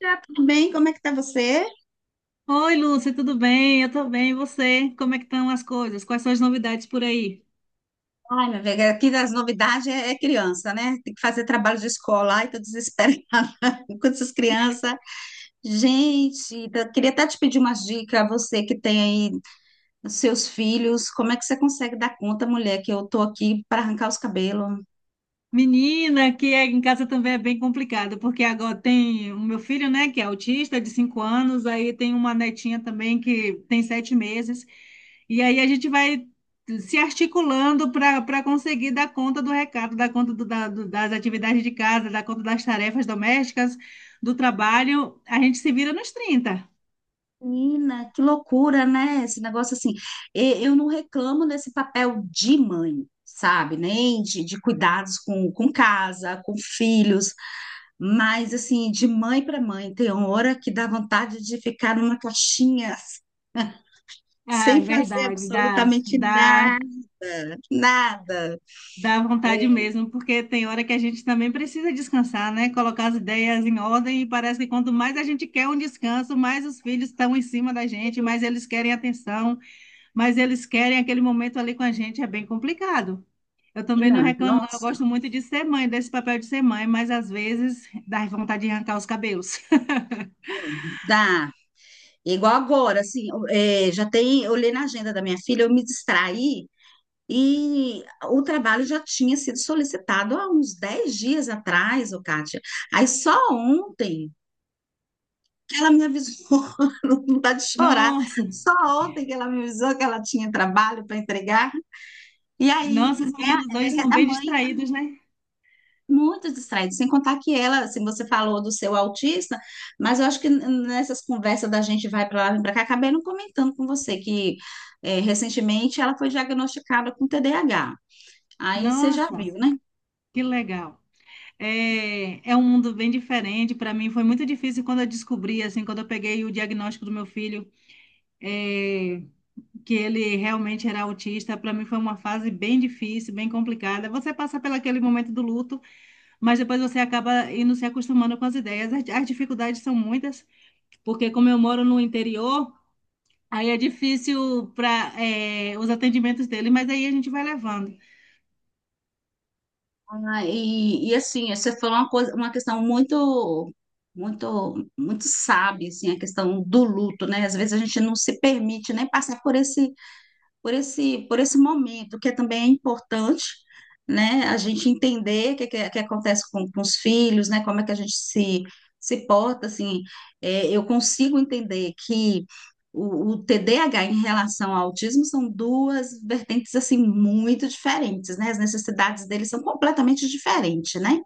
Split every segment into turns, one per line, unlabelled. Tá tudo bem? Como é que tá você?
Oi, Lúcia, tudo bem? Eu tô bem, e você? Como é que estão as coisas? Quais são as novidades por aí?
Ai, minha velha, aqui das novidades é criança, né? Tem que fazer trabalho de escola, ai, tô desesperada com essas crianças. Gente, queria até te pedir umas dicas, você que tem aí os seus filhos, como é que você consegue dar conta, mulher, que eu tô aqui para arrancar os cabelos?
Menina, em casa também é bem complicado, porque agora tem o meu filho, né, que é autista, de 5 anos, aí tem uma netinha também que tem 7 meses, e aí a gente vai se articulando para conseguir dar conta do recado, dar conta das atividades de casa, dar conta das tarefas domésticas, do trabalho. A gente se vira nos trinta.
Menina, que loucura, né? Esse negócio assim. Eu não reclamo desse papel de mãe. Sabe, nem de cuidados com casa, com filhos. Mas, assim, de mãe para mãe, tem hora que dá vontade de ficar numa caixinha
Ah, é
sem fazer
verdade, dá,
absolutamente
dá.
nada, nada.
Dá vontade
É,
mesmo, porque tem hora que a gente também precisa descansar, né? Colocar as ideias em ordem e parece que quanto mais a gente quer um descanso, mais os filhos estão em cima da gente, mais eles querem atenção, mais eles querem aquele momento ali com a gente. É bem complicado. Eu também não
não,
reclamo, não. Eu
nossa,
gosto muito de ser mãe, desse papel de ser mãe, mas às vezes dá vontade de arrancar os cabelos.
dá. Igual agora, assim, já tem, eu olhei na agenda da minha filha, eu me distraí e o trabalho já tinha sido solicitado há uns 10 dias atrás, ô Kátia. Aí só ontem que ela me avisou, não dá de chorar.
Nossa,
Só ontem que ela me avisou que ela tinha trabalho para entregar. E aí,
nossos
é,
meninos
a-
hoje
é
são
a
bem
mãe
distraídos, né?
muito distraída, sem contar que ela, assim, você falou do seu autista, mas eu acho que nessas conversas da gente vai para lá vem para cá, acabei não comentando com você que recentemente ela foi diagnosticada com TDAH. Aí você já
Nossa,
viu, né?
que legal. É, é um mundo bem diferente. Para mim foi muito difícil quando eu descobri, assim, quando eu peguei o diagnóstico do meu filho, é, que ele realmente era autista. Para mim foi uma fase bem difícil, bem complicada. Você passa pelo aquele momento do luto, mas depois você acaba indo se acostumando com as ideias. As dificuldades são muitas, porque como eu moro no interior, aí é difícil os atendimentos dele, mas aí a gente vai levando.
Ah, e assim, você falou uma coisa, uma questão muito, muito, muito sábia, assim, a questão do luto, né? Às vezes a gente não se permite nem passar por esse momento, que é também é importante, né, a gente entender o que acontece com os filhos, né, como é que a gente se porta, assim. Eu consigo entender que o TDAH em relação ao autismo são duas vertentes, assim, muito diferentes, né, as necessidades deles são completamente diferentes, né,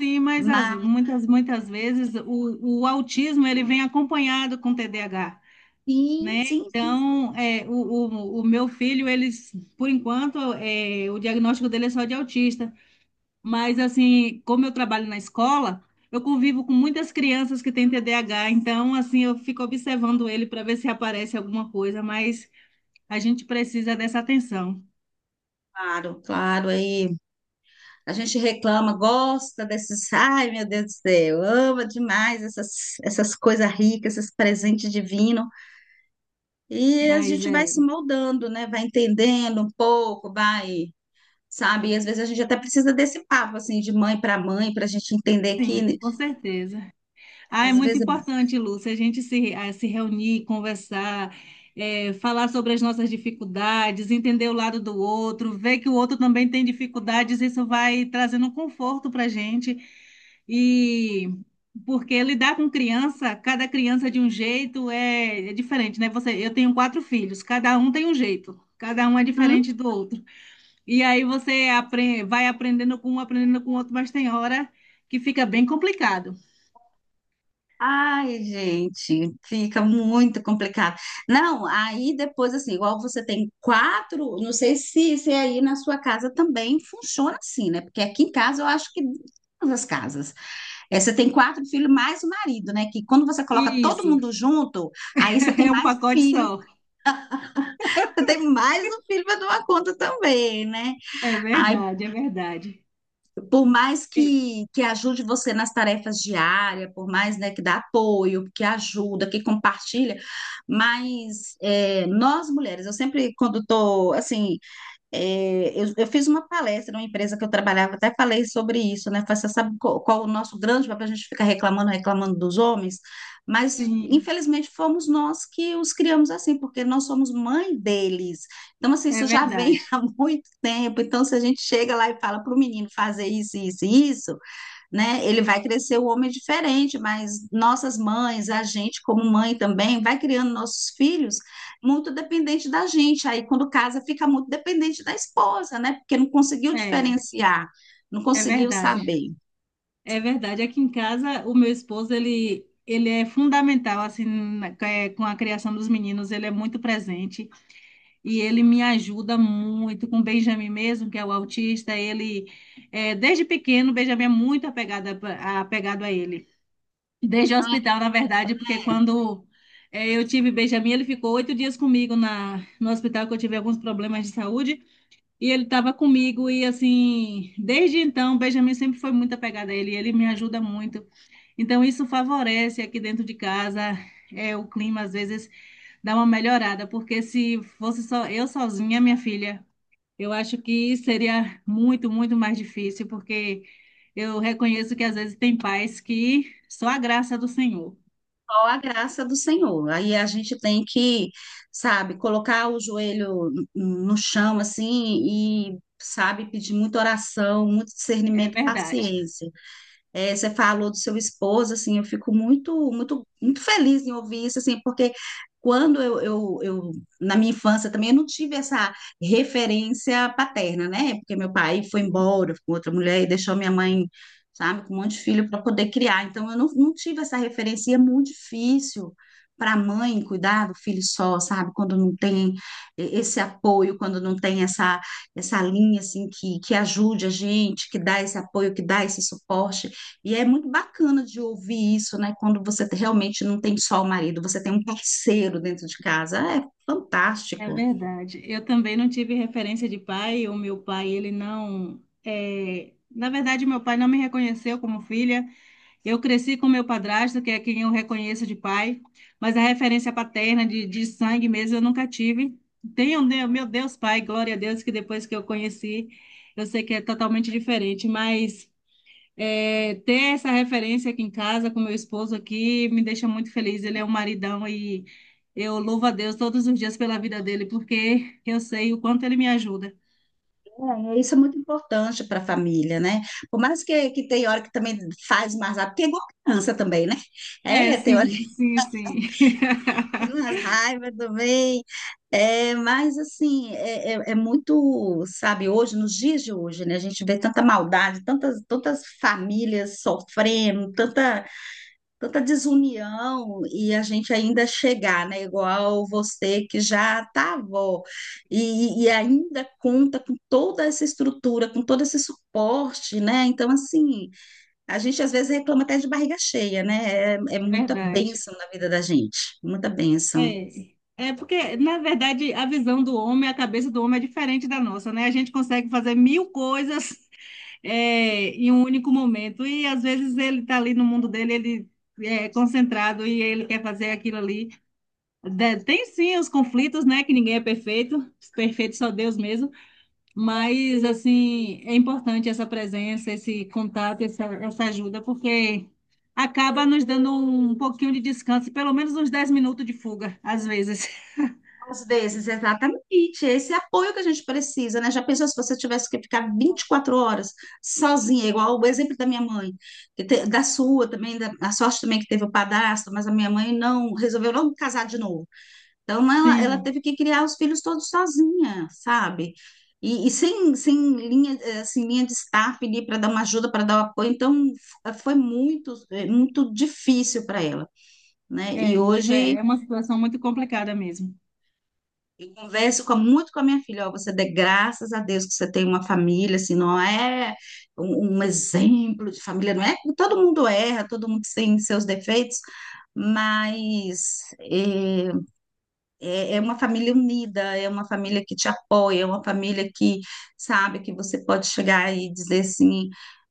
Sim, mas
mas
muitas, muitas vezes o autismo ele vem acompanhado com TDAH,
sim,
né?
sim, sim,
Então, o meu filho, eles, por enquanto, o diagnóstico dele é só de autista. Mas, assim, como eu trabalho na escola, eu convivo com muitas crianças que têm TDAH. Então, assim, eu fico observando ele para ver se aparece alguma coisa. Mas a gente precisa dessa atenção.
claro, claro. Aí a gente reclama, gosta desses, ai meu Deus do céu, ama demais essas, coisas ricas, esses presentes divinos. E a
Mas,
gente vai se moldando, né? Vai entendendo um pouco, vai, sabe? E às vezes a gente até precisa desse papo, assim, de mãe para mãe, para a gente entender que, né,
sim, com certeza. Ah, é
às
muito
vezes.
importante, Lúcia, a gente se, a se reunir, conversar, falar sobre as nossas dificuldades, entender o lado do outro, ver que o outro também tem dificuldades, isso vai trazendo um conforto para a gente. E porque lidar com criança, cada criança de um jeito é diferente, né? Eu tenho 4 filhos, cada um tem um jeito, cada um é diferente
é
do outro. E aí você vai aprendendo com um, aprendendo com o outro, mas tem hora que fica bem complicado.
Ai, gente, fica muito complicado. Não, aí depois, assim, igual você tem quatro, não sei se aí na sua casa também funciona assim, né? Porque aqui em casa eu acho que todas as casas. É, você tem quatro filhos mais o marido, né? Que quando você coloca todo
Isso.
mundo junto, aí você tem
É um
mais um
pacote
filho,
só.
você tem mais um filho para dar uma conta também, né?
É verdade, é verdade.
Por mais
E-
que ajude você nas tarefas diárias, por mais, né, que dá apoio, que ajuda, que compartilha, mas nós mulheres, eu sempre quando estou assim. Eu fiz uma palestra numa empresa que eu trabalhava, até falei sobre isso, né? Falei: você sabe qual o nosso grande papel? A gente fica reclamando, reclamando dos homens, mas
Sim,
infelizmente fomos nós que os criamos assim, porque nós somos mãe deles. Então, assim,
é
isso já vem
verdade.
há muito tempo. Então, se a gente chega lá e fala para o menino fazer isso, isso, e isso, né? Ele vai crescer um homem diferente, mas nossas mães, a gente como mãe também, vai criando nossos filhos muito dependente da gente. Aí quando casa fica muito dependente da esposa, né? Porque não conseguiu
É,
diferenciar, não
é
conseguiu
verdade.
saber.
É verdade. Aqui em casa, o meu esposo, ele é fundamental, assim, com a criação dos meninos, ele é muito presente e ele me ajuda muito com o Benjamin mesmo, que é o autista. Desde pequeno, o Benjamin é muito apegado a ele. Desde o
Ah,
hospital, na verdade, porque quando eu tive Benjamin, ele ficou 8 dias comigo no hospital, que eu tive alguns problemas de saúde, e ele estava comigo, e assim, desde então, Benjamin sempre foi muito apegado a ele, e ele me ajuda muito. Então, isso favorece aqui dentro de casa, o clima às vezes dá uma melhorada, porque se fosse só eu sozinha, minha filha, eu acho que seria muito, muito mais difícil, porque eu reconheço que às vezes tem pais que só a graça do Senhor.
qual a graça do Senhor? Aí a gente tem que, sabe, colocar o joelho no chão assim e sabe pedir muita oração, muito
É
discernimento, e
verdade,
paciência. É, você falou do seu esposo, assim, eu fico muito, muito, muito feliz em ouvir isso, assim, porque quando eu, eu na minha infância também eu não tive essa referência paterna, né? Porque meu pai foi embora com outra mulher e deixou minha mãe, sabe, com um monte de filho para poder criar. Então eu não tive essa referência, e é muito difícil para a mãe cuidar do filho só, sabe? Quando não tem esse apoio, quando não tem essa linha assim que ajude a gente, que dá esse apoio, que dá esse suporte. E é muito bacana de ouvir isso, né? Quando você realmente não tem só o marido, você tem um parceiro dentro de casa. É
é
fantástico.
verdade. Eu também não tive referência de pai. O meu pai, ele não. Na verdade, meu pai não me reconheceu como filha. Eu cresci com meu padrasto, que é quem eu reconheço de pai, mas a referência paterna de sangue mesmo eu nunca tive. Tenho, né, meu Deus, pai, glória a Deus, que depois que eu conheci, eu sei que é totalmente diferente, mas. É, ter essa referência aqui em casa com meu esposo aqui me deixa muito feliz. Ele é um maridão e eu louvo a Deus todos os dias pela vida dele, porque eu sei o quanto ele me ajuda.
É, isso é muito importante para a família, né? Por mais que tem hora que também faz mais raiva, porque é igual criança também, né?
É,
É, tem hora
sim,
que
sim, sim.
faz mais raiva também. É, mas assim, é muito, sabe, hoje, nos dias de hoje, né? A gente vê tanta maldade, tantas famílias sofrendo, tanta desunião, e a gente ainda chegar, né? Igual você que já tá avó e ainda conta com toda essa estrutura, com todo esse suporte, né? Então, assim, a gente às vezes reclama até de barriga cheia, né? É
É
muita
verdade.
bênção na vida da gente, muita bênção.
É. É porque, na verdade, a visão do homem, a cabeça do homem é diferente da nossa, né? A gente consegue fazer mil coisas, em um único momento. E às vezes ele está ali no mundo dele, ele é concentrado e ele quer fazer aquilo ali. Tem sim os conflitos, né? Que ninguém é perfeito, perfeito só Deus mesmo. Mas, assim, é importante essa presença, esse contato, essa ajuda, porque acaba nos dando um pouquinho de descanso, pelo menos uns 10 minutos de fuga, às vezes.
Às vezes, exatamente. Esse apoio que a gente precisa, né? Já pensou se você tivesse que ficar 24 horas sozinha, igual o exemplo da minha mãe, que da sua também, a sorte também que teve o padrasto, mas a minha mãe não resolveu não casar de novo. Então, ela
Sim,
teve que criar os filhos todos sozinha, sabe? E sem linha, assim, linha de staff ali para dar uma ajuda, para dar o apoio. Então, foi muito, muito difícil para ela, né? E
mas é,
hoje.
é uma situação muito complicada mesmo.
Eu converso muito com a minha filha: ó, você dê graças a Deus que você tem uma família, assim, não é um exemplo de família, não é? Todo mundo erra, todo mundo tem seus defeitos, mas é uma família unida, é uma família que te apoia, é uma família que sabe que você pode chegar e dizer assim: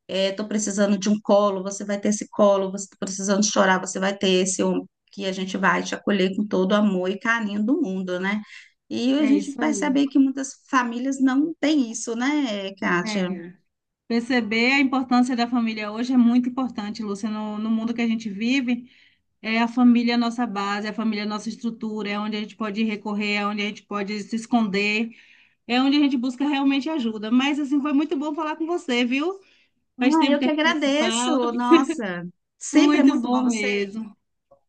estou precisando de um colo, você vai ter esse colo, você está precisando chorar, você vai ter esse ombro, que a gente vai te acolher com todo o amor e carinho do mundo, né? E a
É
gente
isso
percebe
aí.
aí que muitas famílias não têm isso, né, Kátia?
É. Perceber a importância da família hoje é muito importante, Lúcia, no mundo que a gente vive. É a família é a nossa base, é a família é a nossa estrutura, é onde a gente pode recorrer, é onde a gente pode se esconder, é onde a gente busca realmente ajuda. Mas assim, foi muito bom falar com você, viu? Faz
Ah,
tempo
eu
que
que
a gente não se
agradeço,
fala.
nossa, sempre é
Muito
muito bom
bom
você.
mesmo.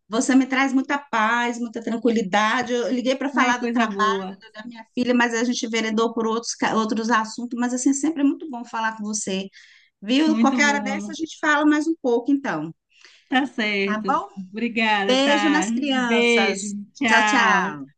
Você me traz muita paz, muita tranquilidade. Eu liguei para
Ai,
falar do
coisa
trabalho
boa.
da minha filha, mas a gente veredou por outros, outros assuntos. Mas assim, sempre é muito bom falar com você, viu?
Muito
Qualquer hora dessa a
bom.
gente fala mais um pouco, então,
Tá
tá
certo.
bom?
Obrigada,
Beijo
tá?
nas crianças.
Beijo.
Tchau,
Tchau.
tchau.